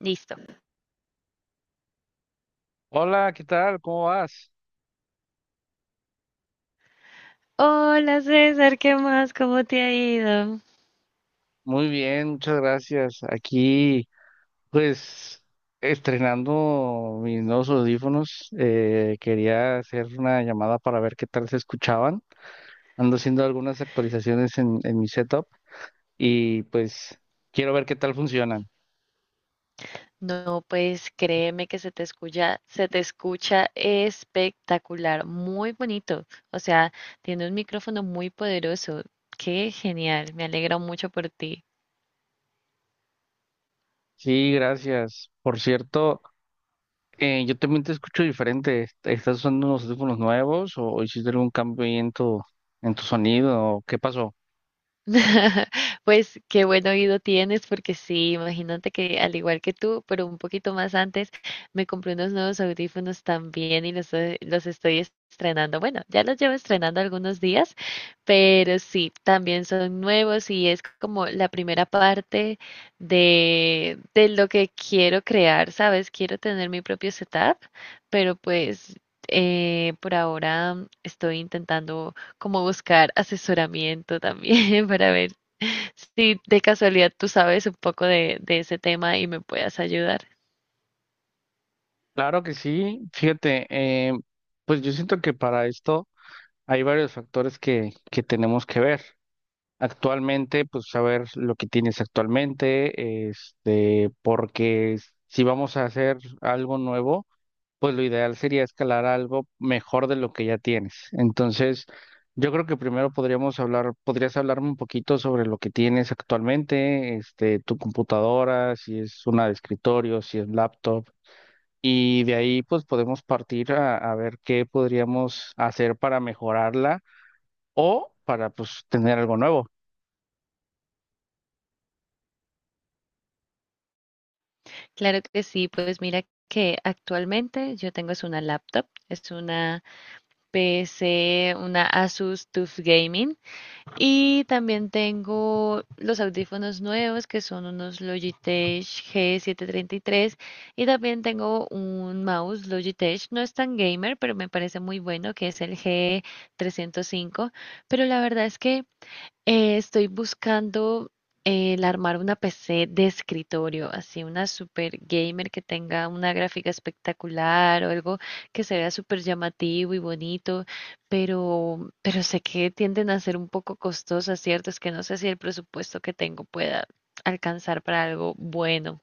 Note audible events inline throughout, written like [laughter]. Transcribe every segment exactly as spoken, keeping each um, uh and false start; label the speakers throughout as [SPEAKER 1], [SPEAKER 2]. [SPEAKER 1] Listo.
[SPEAKER 2] Hola, ¿qué tal? ¿Cómo vas?
[SPEAKER 1] Hola César, ¿qué más? ¿Cómo te ha ido?
[SPEAKER 2] Muy bien, muchas gracias. Aquí, pues, estrenando mis nuevos audífonos, eh, quería hacer una llamada para ver qué tal se escuchaban. Ando haciendo algunas actualizaciones en, en mi setup y pues quiero ver qué tal funcionan.
[SPEAKER 1] No, pues créeme que se te escucha, se te escucha espectacular, muy bonito. O sea, tiene un micrófono muy poderoso. Qué genial, me alegro mucho por ti.
[SPEAKER 2] Sí, gracias. Por cierto, eh, yo también te escucho diferente. ¿Estás usando unos audífonos nuevos o hiciste algún cambio ahí en tu, en tu sonido? ¿O qué pasó?
[SPEAKER 1] [laughs] Pues qué buen oído tienes, porque sí, imagínate que al igual que tú, pero un poquito más antes, me compré unos nuevos audífonos también y los, eh, los estoy estrenando. Bueno, ya los llevo estrenando algunos días, pero sí, también son nuevos y es como la primera parte de, de lo que quiero crear, ¿sabes? Quiero tener mi propio setup, pero pues eh, por ahora estoy intentando como buscar asesoramiento también [laughs] para ver si de casualidad tú sabes un poco de, de ese tema y me puedas ayudar.
[SPEAKER 2] Claro que sí, fíjate, eh, pues yo siento que para esto hay varios factores que, que tenemos que ver. Actualmente, pues saber lo que tienes actualmente, este, porque si vamos a hacer algo nuevo, pues lo ideal sería escalar a algo mejor de lo que ya tienes. Entonces, yo creo que primero podríamos hablar, podrías hablarme un poquito sobre lo que tienes actualmente, este, tu computadora, si es una de escritorio, si es laptop. Y de ahí pues podemos partir a, a ver qué podríamos hacer para mejorarla o para pues tener algo nuevo.
[SPEAKER 1] Claro que sí, pues mira que actualmente yo tengo es una laptop, es una P C, una Asus TUF Gaming. Y también tengo los audífonos nuevos que son unos Logitech G setecientos treinta y tres y tres, y también tengo un mouse Logitech, no es tan gamer, pero me parece muy bueno, que es el G tres cero cinco, pero la verdad es que eh, estoy buscando eh, el armar una P C de escritorio, así una super gamer que tenga una gráfica espectacular o algo que se vea súper llamativo y bonito, pero, pero sé que tienden a ser un poco costosas, ¿cierto? Es que no sé si el presupuesto que tengo pueda alcanzar para algo bueno.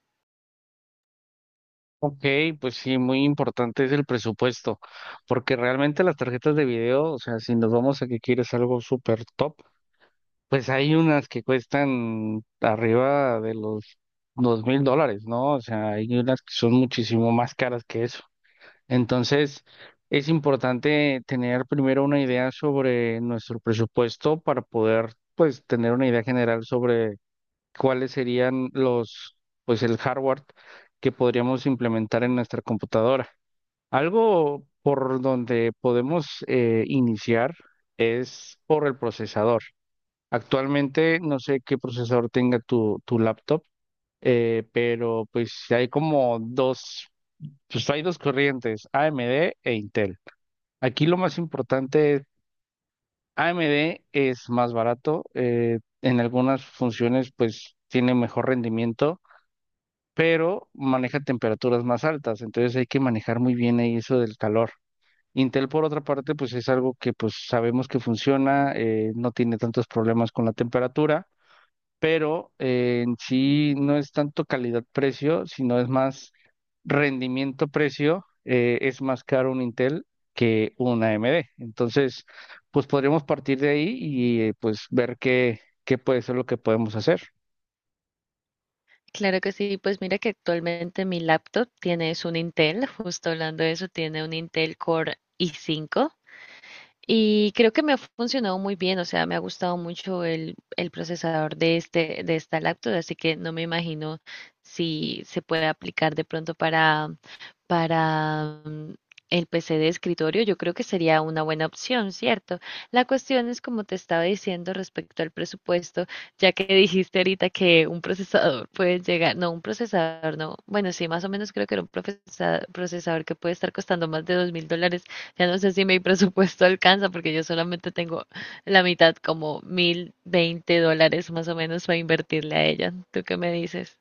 [SPEAKER 2] Ok, pues sí, muy importante es el presupuesto, porque realmente las tarjetas de video, o sea, si nos vamos a que quieres algo súper top, pues hay unas que cuestan arriba de los dos mil dólares, ¿no? O sea, hay unas que son muchísimo más caras que eso. Entonces, es importante tener primero una idea sobre nuestro presupuesto para poder, pues, tener una idea general sobre cuáles serían los, pues, el hardware que podríamos implementar en nuestra computadora. Algo por donde podemos eh, iniciar es por el procesador. Actualmente no sé qué procesador tenga tu, tu laptop, eh, pero pues hay como dos, pues hay dos corrientes, A M D e Intel. Aquí lo más importante es: A M D es más barato, eh, en algunas funciones pues tiene mejor rendimiento, pero maneja temperaturas más altas, entonces hay que manejar muy bien ahí eso del calor. Intel por otra parte pues es algo que pues sabemos que funciona, eh, no tiene tantos problemas con la temperatura, pero eh, en sí no es tanto calidad-precio, sino es más rendimiento-precio, eh, es más caro un Intel que un A M D. Entonces, pues podríamos partir de ahí y, eh, pues ver qué, qué puede ser lo que podemos hacer.
[SPEAKER 1] Claro que sí, pues mira que actualmente mi laptop tiene es un Intel, justo hablando de eso, tiene un Intel Core i cinco. Y creo que me ha funcionado muy bien, o sea, me ha gustado mucho el, el procesador de este, de esta laptop, así que no me imagino si se puede aplicar de pronto para, para mm, el P C de escritorio. Yo creo que sería una buena opción, ¿cierto? La cuestión es, como te estaba diciendo respecto al presupuesto, ya que dijiste ahorita que un procesador puede llegar, no, un procesador, no, bueno, sí, más o menos creo que era un profesa- procesador que puede estar costando más de dos mil dólares. Ya no sé si mi presupuesto [laughs] alcanza, porque yo solamente tengo la mitad, como mil veinte dólares más o menos para invertirle a ella. ¿Tú qué me dices?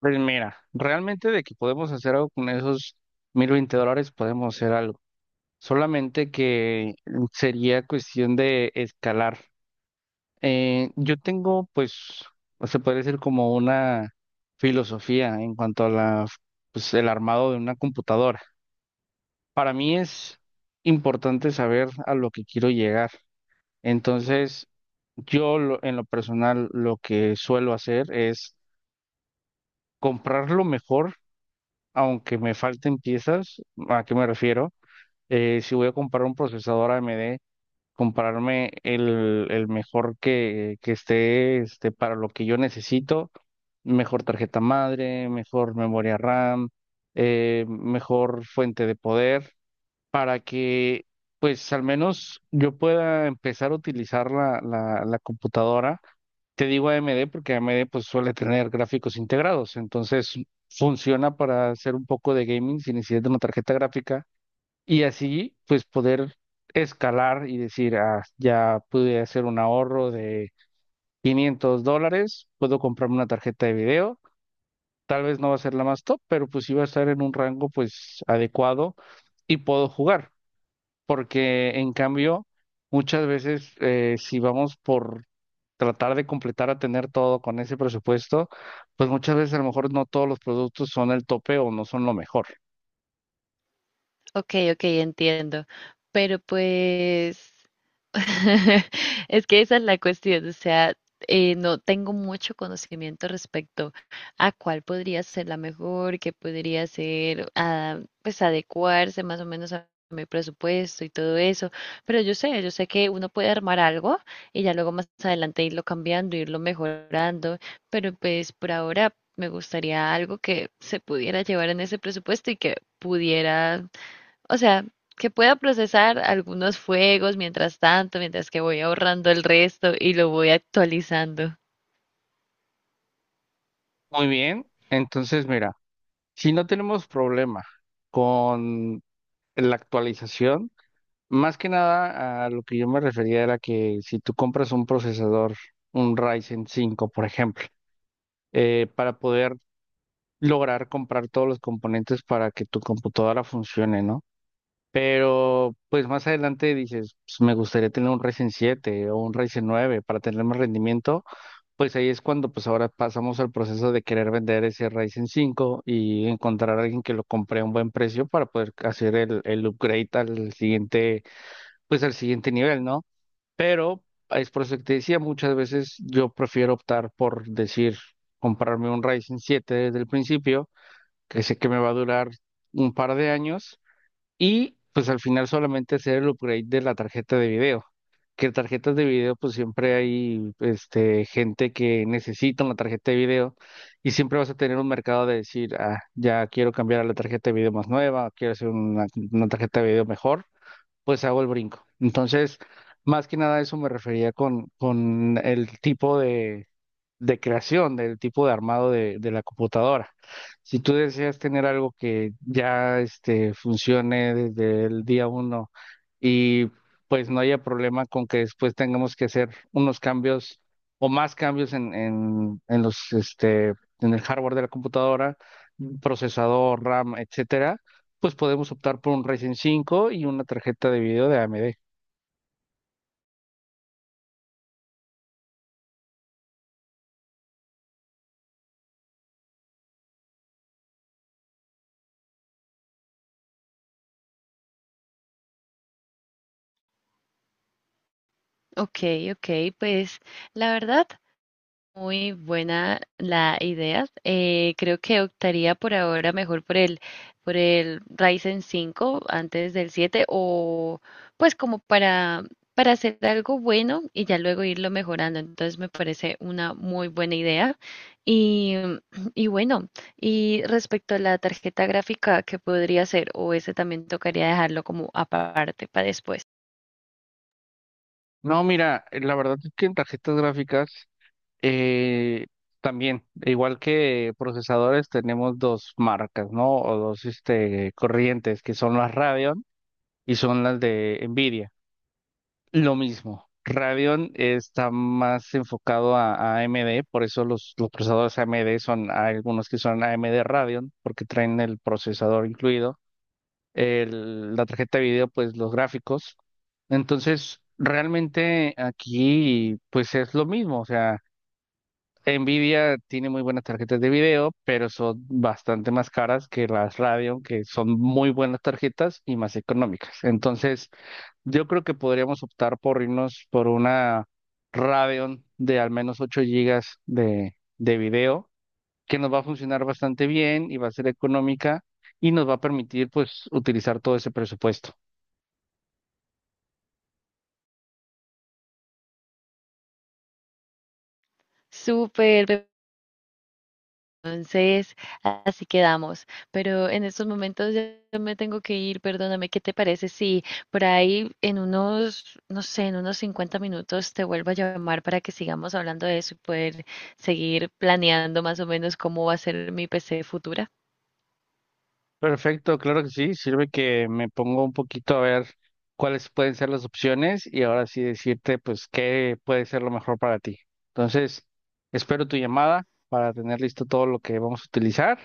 [SPEAKER 2] Pues mira, realmente de que podemos hacer algo con esos mil veinte dólares, podemos hacer algo. Solamente que sería cuestión de escalar. Eh, yo tengo, pues, o se puede decir como una filosofía en cuanto a la, pues, el armado de una computadora. Para mí es importante saber a lo que quiero llegar. Entonces, yo lo- en lo personal lo que suelo hacer es comprar lo mejor, aunque me falten piezas. ¿A qué me refiero? Eh, si voy a comprar un procesador A M D, comprarme el, el mejor que, que esté este, para lo que yo necesito: mejor tarjeta madre, mejor memoria RAM, eh, mejor fuente de poder, para que pues al menos yo pueda empezar a utilizar la, la, la computadora. Te digo A M D porque A M D pues suele tener gráficos integrados, entonces funciona para hacer un poco de gaming sin necesidad de una tarjeta gráfica y así pues poder escalar y decir, ah, ya pude hacer un ahorro de quinientos dólares, puedo comprarme una tarjeta de video, tal vez no va a ser la más top, pero pues sí va a estar en un rango pues adecuado y puedo jugar, porque en cambio, muchas veces, eh, si vamos por tratar de completar a tener todo con ese presupuesto, pues muchas veces a lo mejor no todos los productos son el tope o no son lo mejor.
[SPEAKER 1] Ok, ok, entiendo. Pero pues [laughs] es que esa es la cuestión, o sea, eh, no tengo mucho conocimiento respecto a cuál podría ser la mejor, qué podría ser, ah, pues adecuarse más o menos a mi presupuesto y todo eso. Pero yo sé, yo sé que uno puede armar algo y ya luego más adelante irlo cambiando, irlo mejorando, pero pues por ahora me gustaría algo que se pudiera llevar en ese presupuesto y que pudiera, o sea, que pueda procesar algunos fuegos mientras tanto, mientras que voy ahorrando el resto y lo voy actualizando.
[SPEAKER 2] Muy bien, entonces mira, si no tenemos problema con la actualización, más que nada a lo que yo me refería era que si tú compras un procesador, un Ryzen cinco por ejemplo, eh, para poder lograr comprar todos los componentes para que tu computadora funcione, ¿no? Pero pues más adelante dices, pues, me gustaría tener un Ryzen siete o un Ryzen nueve para tener más rendimiento, pues ahí es cuando pues ahora pasamos al proceso de querer vender ese Ryzen cinco y encontrar a alguien que lo compre a un buen precio para poder hacer el, el upgrade al siguiente, pues al siguiente nivel, ¿no? Pero es por eso que te decía, muchas veces yo prefiero optar por decir, comprarme un Ryzen siete desde el principio, que sé que me va a durar un par de años y pues al final solamente hacer el upgrade de la tarjeta de video. Que tarjetas de video, pues siempre hay este, gente que necesita una tarjeta de video y siempre vas a tener un mercado de decir, ah, ya quiero cambiar a la tarjeta de video más nueva, quiero hacer una, una tarjeta de video mejor, pues hago el brinco. Entonces, más que nada a eso me refería con, con el tipo de, de creación, del tipo de armado de, de la computadora. Si tú deseas tener algo que ya este, funcione desde el día uno y pues no haya problema con que después tengamos que hacer unos cambios o más cambios en, en, en los, este, en el hardware de la computadora, procesador, RAM, etcétera, pues podemos optar por un Ryzen cinco y una tarjeta de video de A M D.
[SPEAKER 1] Ok, ok, pues la verdad, muy buena la idea. Eh, creo que optaría por ahora mejor por el, por el Ryzen cinco antes del siete, o pues como para, para hacer algo bueno y ya luego irlo mejorando. Entonces me parece una muy buena idea. Y, y bueno, y respecto a la tarjeta gráfica, ¿qué podría ser? O ese también tocaría dejarlo como aparte para después.
[SPEAKER 2] No, mira, eh, la verdad es que en tarjetas gráficas, eh, también, igual que procesadores, tenemos dos marcas, ¿no? O dos este, corrientes, que son las Radeon y son las de N vidia. Lo mismo. Radeon está más enfocado a, a AMD, por eso los, los procesadores A M D son, hay algunos que son A M D Radeon, porque traen el procesador incluido el- la tarjeta de video, pues los gráficos. Entonces, realmente aquí, pues es lo mismo. O sea, N vidia tiene muy buenas tarjetas de video, pero son bastante más caras que las Radeon, que son muy buenas tarjetas y más económicas. Entonces, yo creo que podríamos optar por irnos por una Radeon de al menos ocho gigas de, de video, que nos va a funcionar bastante bien y va a ser económica y nos va a permitir, pues, utilizar todo ese presupuesto.
[SPEAKER 1] Súper, entonces, así quedamos. Pero en estos momentos ya me tengo que ir, perdóname, ¿qué te parece si por ahí en unos, no sé, en unos cincuenta minutos te vuelvo a llamar para que sigamos hablando de eso y poder seguir planeando más o menos cómo va a ser mi P C futura?
[SPEAKER 2] Perfecto, claro que sí. Sirve que me pongo un poquito a ver cuáles pueden ser las opciones y ahora sí decirte, pues, qué puede ser lo mejor para ti. Entonces, espero tu llamada para tener listo todo lo que vamos a utilizar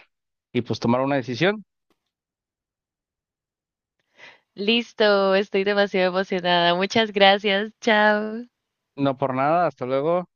[SPEAKER 2] y pues tomar una decisión.
[SPEAKER 1] Listo, estoy demasiado emocionada. Muchas gracias. Chao.
[SPEAKER 2] No, por nada, hasta luego.